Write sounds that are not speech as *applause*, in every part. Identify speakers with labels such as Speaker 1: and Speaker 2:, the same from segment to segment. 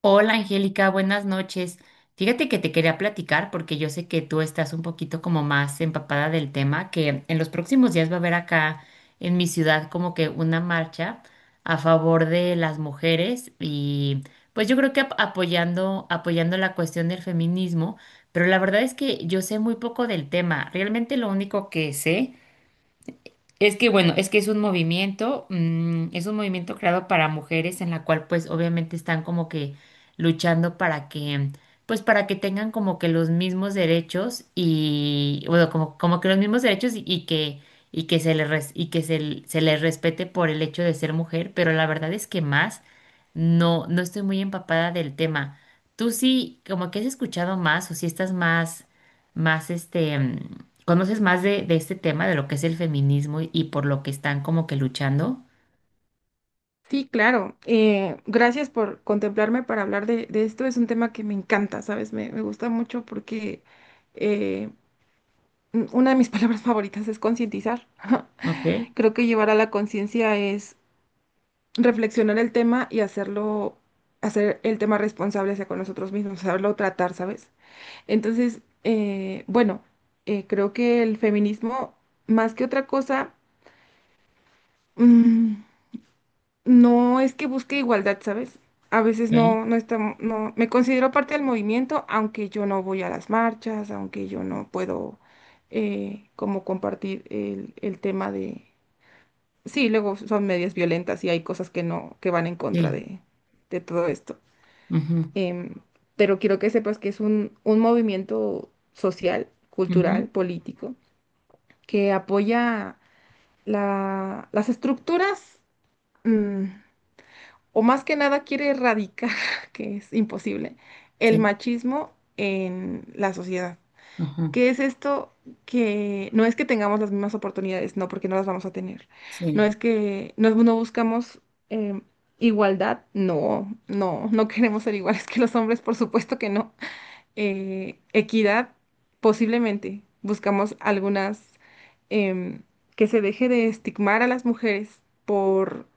Speaker 1: Hola Angélica, buenas noches. Fíjate que te quería platicar porque yo sé que tú estás un poquito como más empapada del tema, que en los próximos días va a haber acá en mi ciudad como que una marcha a favor de las mujeres y pues yo creo que apoyando la cuestión del feminismo, pero la verdad es que yo sé muy poco del tema. Realmente lo único que sé es que bueno, es un movimiento creado para mujeres en la cual pues obviamente están como que luchando para que tengan como que los mismos derechos y, bueno, como que los mismos derechos y que se les respete por el hecho de ser mujer, pero la verdad es que más no estoy muy empapada del tema. ¿Tú sí, como que has escuchado más, o si estás más, más conoces más de este tema, de lo que es el feminismo, y por lo que están como que luchando?
Speaker 2: Sí, claro. Gracias por contemplarme para hablar de esto. Es un tema que me encanta, ¿sabes? Me gusta mucho porque eh, una de mis *laughs* palabras favoritas es concientizar. *laughs*
Speaker 1: Ok,
Speaker 2: Creo que llevar a la conciencia es reflexionar el tema y hacerlo, hacer el tema responsable hacia con nosotros mismos, saberlo tratar, ¿sabes? Entonces, bueno, creo que el feminismo, más que otra cosa, mm, No es que busque igualdad, ¿sabes? A veces
Speaker 1: ok.
Speaker 2: no, no está, no, me considero parte del movimiento, aunque yo no voy a las marchas, aunque yo no puedo como compartir el tema de, sí, luego son medias violentas y hay cosas que no, que van en contra
Speaker 1: Sí.
Speaker 2: de todo esto.
Speaker 1: Ujú.
Speaker 2: Em, pero quiero que sepas que es un movimiento social,
Speaker 1: Ujú.
Speaker 2: cultural, político, que apoya las estructuras. mm, o más que nada quiere erradicar, *laughs* que es imposible, el
Speaker 1: Sí.
Speaker 2: machismo en la sociedad.
Speaker 1: Ujú.
Speaker 2: ¿Qué es esto? Que no es que tengamos las mismas oportunidades, no, porque no las vamos a tener. No
Speaker 1: Sí.
Speaker 2: es que no, no buscamos em, igualdad, no, no, no *laughs* queremos ser iguales que los hombres, por supuesto que no. Equidad, posiblemente. Buscamos algunas em, que se deje de estigmar a las mujeres por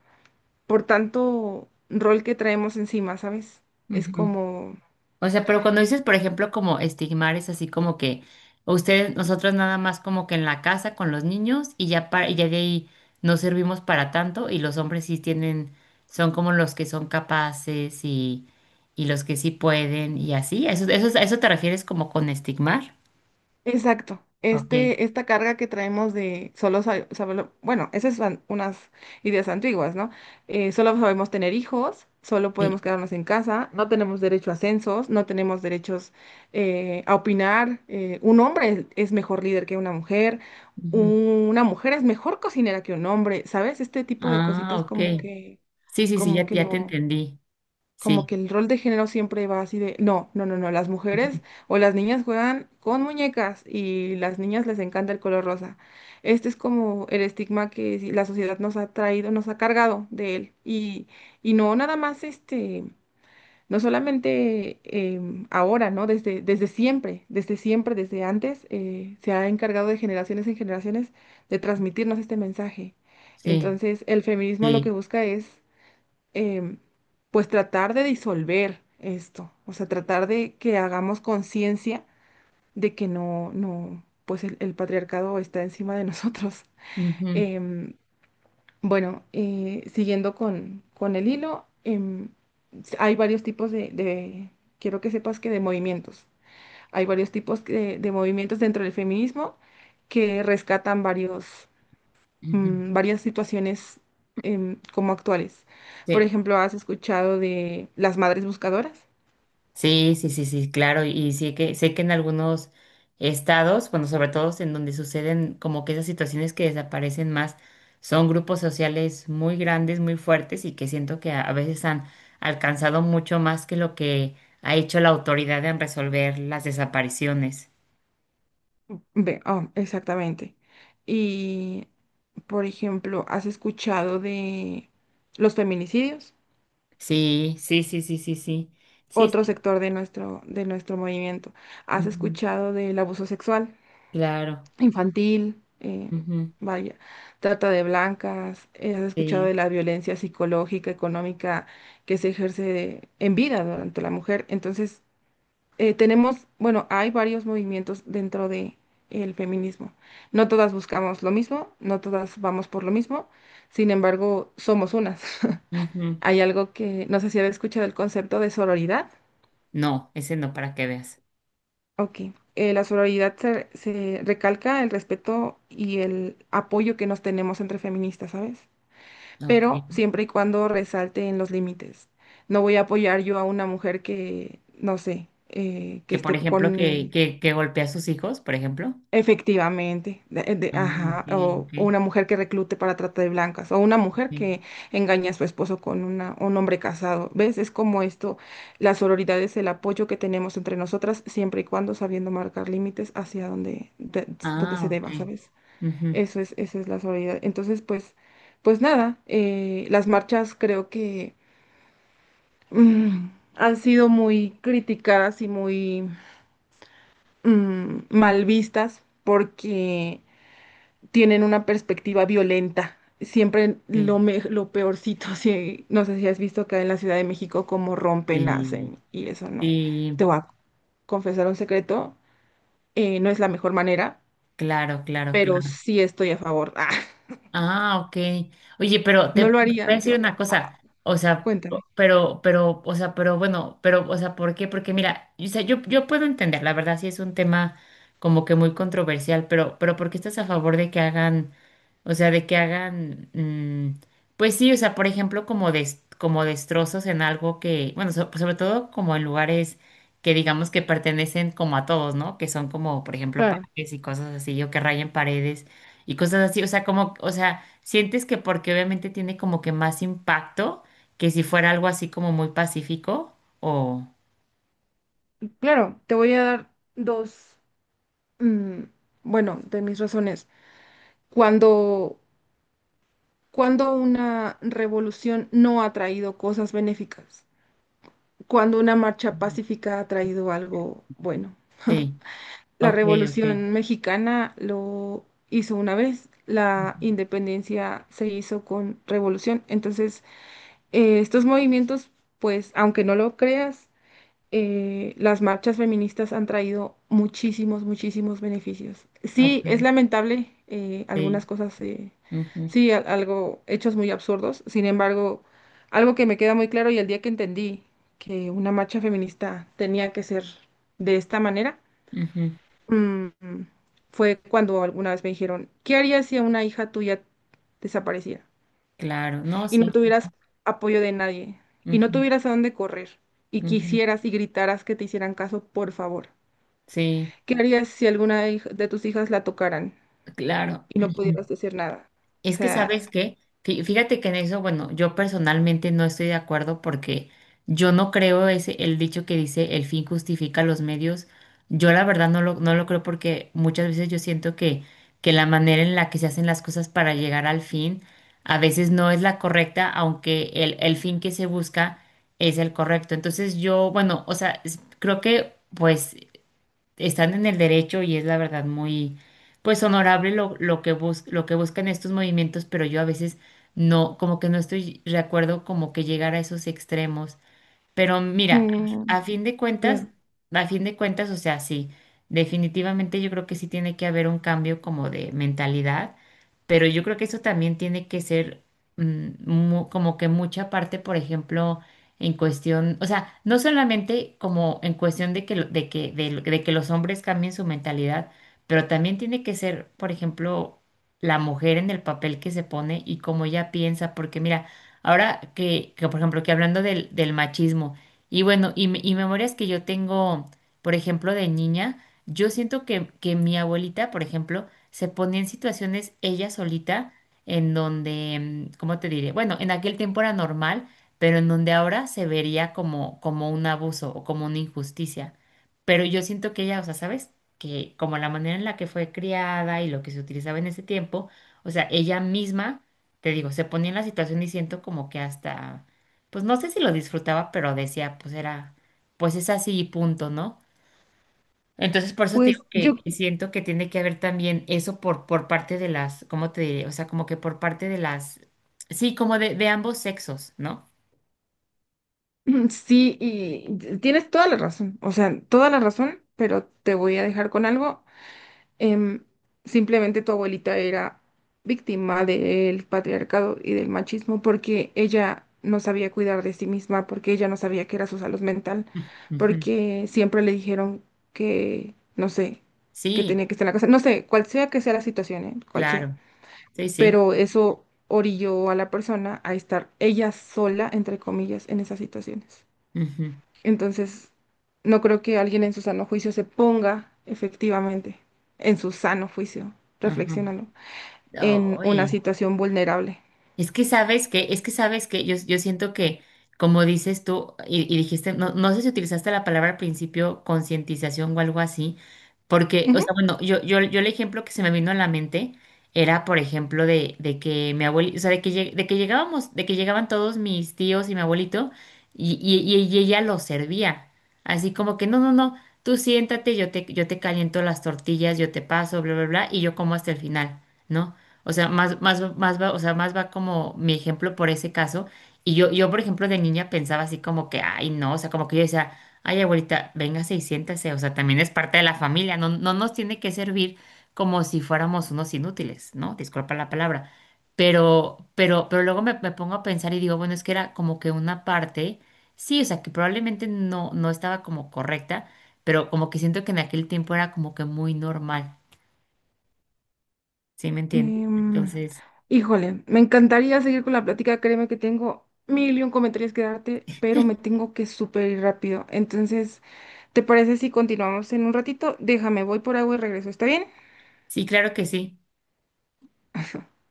Speaker 2: tanto rol que traemos encima, ¿sabes? Es
Speaker 1: Ujú.
Speaker 2: como,
Speaker 1: O sea, pero cuando dices, por ejemplo, como estigmar, es así como que ustedes, nosotros nada más como que en la casa con los niños y ya, y ya de ahí no servimos para tanto, y los hombres sí tienen, son como los que son capaces y los que sí pueden y así. ¿A eso te refieres como con estigmar?
Speaker 2: exacto,
Speaker 1: Ok.
Speaker 2: este, esta carga que traemos de solo saberlo, bueno, esas son unas ideas antiguas, ¿no? Solo sabemos tener hijos, solo
Speaker 1: Sí.
Speaker 2: podemos quedarnos en casa, no tenemos derecho a censos, no tenemos derechos a opinar, un hombre es mejor líder que una mujer.
Speaker 1: Ujú.
Speaker 2: Una mujer es mejor cocinera que un hombre, ¿sabes? Este tipo de
Speaker 1: Ah,
Speaker 2: cositas
Speaker 1: ok. Sí, sí, sí,
Speaker 2: como
Speaker 1: ya,
Speaker 2: que
Speaker 1: ya te
Speaker 2: no.
Speaker 1: entendí.
Speaker 2: Como
Speaker 1: Sí.
Speaker 2: que el rol de género siempre va así de, no, no, no, no, las
Speaker 1: Ujú.
Speaker 2: mujeres o las niñas juegan con muñecas y las niñas les encanta el color rosa. Este es como el estigma que la sociedad nos ha traído, nos ha cargado de él. Y no nada más este, no solamente ahora, ¿no? Desde siempre, desde siempre, desde antes, se ha encargado de generaciones en generaciones de transmitirnos este mensaje.
Speaker 1: Sí,
Speaker 2: Entonces, el feminismo lo que
Speaker 1: sí.
Speaker 2: busca es em, pues tratar de disolver esto, o sea, tratar de que hagamos conciencia de que no, no, pues el patriarcado está encima de *laughs* nosotros.
Speaker 1: Ujú.
Speaker 2: Em, bueno, siguiendo con el hilo, hay varios tipos quiero que sepas que de movimientos. Hay varios tipos movimientos dentro del feminismo que rescatan varios
Speaker 1: Ujú.
Speaker 2: varias situaciones como actuales. Por
Speaker 1: Sí,
Speaker 2: ejemplo, ¿has escuchado de las madres buscadoras?
Speaker 1: sí, sí, sí, sí, claro. Y sí que sé que en algunos estados, bueno, sobre todo en donde suceden como que esas situaciones que desaparecen más, son grupos sociales muy grandes, muy fuertes, y que siento que a veces han alcanzado mucho más que lo que ha hecho la autoridad en resolver las desapariciones.
Speaker 2: Ve, oh, exactamente. Y, por ejemplo, ¿has escuchado de los feminicidios?
Speaker 1: Sí, sí, sí, sí, sí, sí. Sí,
Speaker 2: Otro
Speaker 1: sí.
Speaker 2: sector de nuestro movimiento. ¿Has
Speaker 1: Ujú.
Speaker 2: escuchado del abuso sexual
Speaker 1: Claro.
Speaker 2: infantil?
Speaker 1: Ujú.
Speaker 2: Vaya, trata de blancas. ¿Has escuchado
Speaker 1: Sí.
Speaker 2: de la violencia psicológica, económica que se ejerce en vida durante la mujer? Entonces, tenemos, bueno, hay varios movimientos dentro de el feminismo. No todas buscamos lo mismo, no todas vamos por lo mismo, sin embargo, somos unas. *laughs*
Speaker 1: Ujú.
Speaker 2: Hay algo que no sé si habéis escuchado el concepto de sororidad.
Speaker 1: No, ese no, para que veas.
Speaker 2: Ok. La sororidad se recalca el respeto y el apoyo que nos tenemos entre feministas, ¿sabes? Pero
Speaker 1: Ok.
Speaker 2: siempre y cuando resalte en los límites. No voy a apoyar yo a una mujer que, no sé, que
Speaker 1: Que por
Speaker 2: esté
Speaker 1: ejemplo, que,
Speaker 2: con
Speaker 1: que, que golpea a sus hijos, por ejemplo.
Speaker 2: efectivamente,
Speaker 1: Ah, ok,
Speaker 2: ajá,
Speaker 1: ok,
Speaker 2: o una mujer que reclute para trata de blancas, o una mujer
Speaker 1: ok.
Speaker 2: que engaña a su esposo con una, un hombre casado. ¿Ves? Es como esto, la sororidad es el apoyo que tenemos entre nosotras, siempre y cuando sabiendo marcar límites hacia donde, donde
Speaker 1: Ah,
Speaker 2: se
Speaker 1: ok.
Speaker 2: deba, ¿sabes?
Speaker 1: Ujú.
Speaker 2: Eso es la sororidad. Entonces, pues, nada, las marchas creo que mm, han sido muy criticadas y muy mal vistas porque tienen una perspectiva violenta. Siempre
Speaker 1: Sí,
Speaker 2: lo peorcito, *laughs* si, no sé si has visto acá en la Ciudad de México cómo rompen,
Speaker 1: sí,
Speaker 2: hacen y eso no. Te
Speaker 1: sí,
Speaker 2: voy a confesar un secreto, no es la mejor manera,
Speaker 1: claro, claro,
Speaker 2: pero
Speaker 1: claro.
Speaker 2: sí estoy a favor. *laughs* Ah,
Speaker 1: Ah, ok. Oye, pero te
Speaker 2: no
Speaker 1: te
Speaker 2: lo
Speaker 1: voy a
Speaker 2: haría
Speaker 1: decir
Speaker 2: yo.
Speaker 1: una cosa, o sea,
Speaker 2: Cuéntame.
Speaker 1: pero, o sea, pero bueno, pero, o sea, ¿por qué? Porque mira, o sea, yo puedo entender, la verdad, sí es un tema como que muy controversial, pero, ¿por qué estás a favor de que hagan? O sea, de que hagan, pues sí, o sea, por ejemplo, como como destrozos en algo que, bueno, sobre todo como en lugares que digamos que pertenecen como a todos, ¿no? Que son como, por ejemplo,
Speaker 2: Claro,
Speaker 1: parques y cosas así, o que rayen paredes y cosas así. O sea, como, o sea, sientes que porque obviamente tiene como que más impacto que si fuera algo así como muy pacífico o...
Speaker 2: claro, te voy a dar dos, mm, bueno, de mis razones. Cuando, cuando una revolución no ha traído cosas benéficas. Cuando una marcha
Speaker 1: Ujú.
Speaker 2: pacífica ha traído algo bueno.
Speaker 1: Sí,
Speaker 2: La
Speaker 1: ok, ok.
Speaker 2: Revolución Mexicana lo hizo una vez, la
Speaker 1: Ujú.
Speaker 2: independencia se hizo con revolución. Entonces, estos movimientos, pues, aunque no lo creas, las marchas feministas han traído muchísimos, muchísimos beneficios. Sí,
Speaker 1: Ok,
Speaker 2: es lamentable
Speaker 1: sí.
Speaker 2: algunas cosas,
Speaker 1: Ujú,
Speaker 2: sí, algo, hechos muy absurdos. Sin embargo, algo que me queda muy claro y el día que entendí que una marcha feminista tenía que ser de esta manera,
Speaker 1: ujú.
Speaker 2: mm, fue cuando alguna vez me dijeron, ¿qué harías si a una hija tuya desapareciera?
Speaker 1: Claro, no,
Speaker 2: Y no
Speaker 1: sí.
Speaker 2: tuvieras apoyo de nadie y no
Speaker 1: Ujú.
Speaker 2: tuvieras a dónde correr y
Speaker 1: Ujú.
Speaker 2: quisieras y gritaras que te hicieran caso, por favor.
Speaker 1: Sí,
Speaker 2: ¿Qué harías si alguna de tus hijas la tocaran
Speaker 1: claro.
Speaker 2: y no
Speaker 1: Ujú.
Speaker 2: pudieras decir nada? O
Speaker 1: Es que,
Speaker 2: sea,
Speaker 1: ¿sabes qué? Fíjate que en eso, bueno, yo personalmente no estoy de acuerdo porque yo no creo el dicho que dice: el fin justifica los medios. Yo la verdad no lo creo, porque muchas veces yo siento que la manera en la que se hacen las cosas para llegar al fin a veces no es la correcta, aunque el fin que se busca es el correcto. Entonces yo, bueno, o sea, creo que pues están en el derecho, y es la verdad muy, pues honorable lo que buscan estos movimientos, pero yo a veces no, como que no estoy de acuerdo como que llegar a esos extremos. Pero mira,
Speaker 2: mm,
Speaker 1: a fin de cuentas,
Speaker 2: claro.
Speaker 1: o sea, sí, definitivamente yo creo que sí tiene que haber un cambio como de mentalidad, pero yo creo que eso también tiene que ser como que mucha parte, por ejemplo, en cuestión, o sea, no solamente como en cuestión de que, lo- de que, de, lo- de que los hombres cambien su mentalidad, pero también tiene que ser, por ejemplo, la mujer en el papel que se pone y cómo ella piensa, porque mira, ahora que, por ejemplo, que hablando del machismo, y bueno, y memorias que yo tengo, por ejemplo, de niña, yo siento que mi abuelita, por ejemplo, se ponía en situaciones ella solita, en donde, ¿cómo te diré? Bueno, en aquel tiempo era normal, pero en donde ahora se vería como, como un abuso o como una injusticia. Pero yo siento que ella, o sea, ¿sabes? Que como la manera en la que fue criada y lo que se utilizaba en ese tiempo, o sea, ella misma, te digo, se ponía en la situación, y siento como que hasta, pues no sé si lo disfrutaba, pero decía, pues es así y punto, ¿no? Entonces, por eso te
Speaker 2: Pues
Speaker 1: digo que,
Speaker 2: yo,
Speaker 1: que siento que tiene que haber también eso por parte de las, ¿cómo te diré? O sea, como que por parte de las, sí, como de ambos sexos, ¿no?
Speaker 2: *clears throat* sí, y tienes toda la razón, o sea, toda la razón, pero te voy a dejar con algo Em, Simplemente tu abuelita era víctima del patriarcado y del machismo porque ella no sabía cuidar de sí misma, porque ella no sabía qué era su salud mental,
Speaker 1: Ujú.
Speaker 2: porque siempre le dijeron que, no sé, que
Speaker 1: Sí,
Speaker 2: tenía que estar en la casa, no sé, cual sea que sea la situación, ¿eh? Cual sea.
Speaker 1: claro, sí, sí.
Speaker 2: Pero eso orilló a la persona a estar ella sola, entre comillas, en esas situaciones.
Speaker 1: Ujú.
Speaker 2: Entonces, no creo que alguien en su sano juicio se ponga efectivamente, en su sano juicio,
Speaker 1: Ajá.
Speaker 2: reflexiónalo, en una
Speaker 1: Ay,
Speaker 2: situación vulnerable.
Speaker 1: es que sabes que yo siento que, como dices tú, y dijiste, no sé si utilizaste la palabra al principio, concientización o algo así, porque, o sea,
Speaker 2: Ujú.
Speaker 1: bueno, yo el ejemplo que se me vino a la mente era, por ejemplo, de que mi abuelito, o sea, de que llegaban todos mis tíos y mi abuelito, y ella los servía. Así como que, no, no, no, tú siéntate, yo te caliento las tortillas, yo te paso, bla, bla, bla, y yo como hasta el final, ¿no? O sea, más va, o sea, más va como mi ejemplo por ese caso. Y yo, por ejemplo, de niña pensaba así como que, ay, no, o sea, como que yo decía: ay, abuelita, véngase y siéntese, o sea, también es parte de la familia, no, no nos tiene que servir como si fuéramos unos inútiles, ¿no? Disculpa la palabra. Pero, pero luego me pongo a pensar y digo, bueno, es que era como que una parte, sí, o sea, que probablemente no estaba como correcta, pero como que siento que en aquel tiempo era como que muy normal, ¿sí me entiendes?
Speaker 2: Em,
Speaker 1: Entonces...
Speaker 2: híjole, me encantaría seguir con la plática, créeme que tengo mil y un comentarios que darte, pero me tengo que súper ir rápido. Entonces, ¿te parece si continuamos en un ratito? Déjame, voy por agua y regreso, ¿está bien?
Speaker 1: Sí, claro que sí.
Speaker 2: *laughs*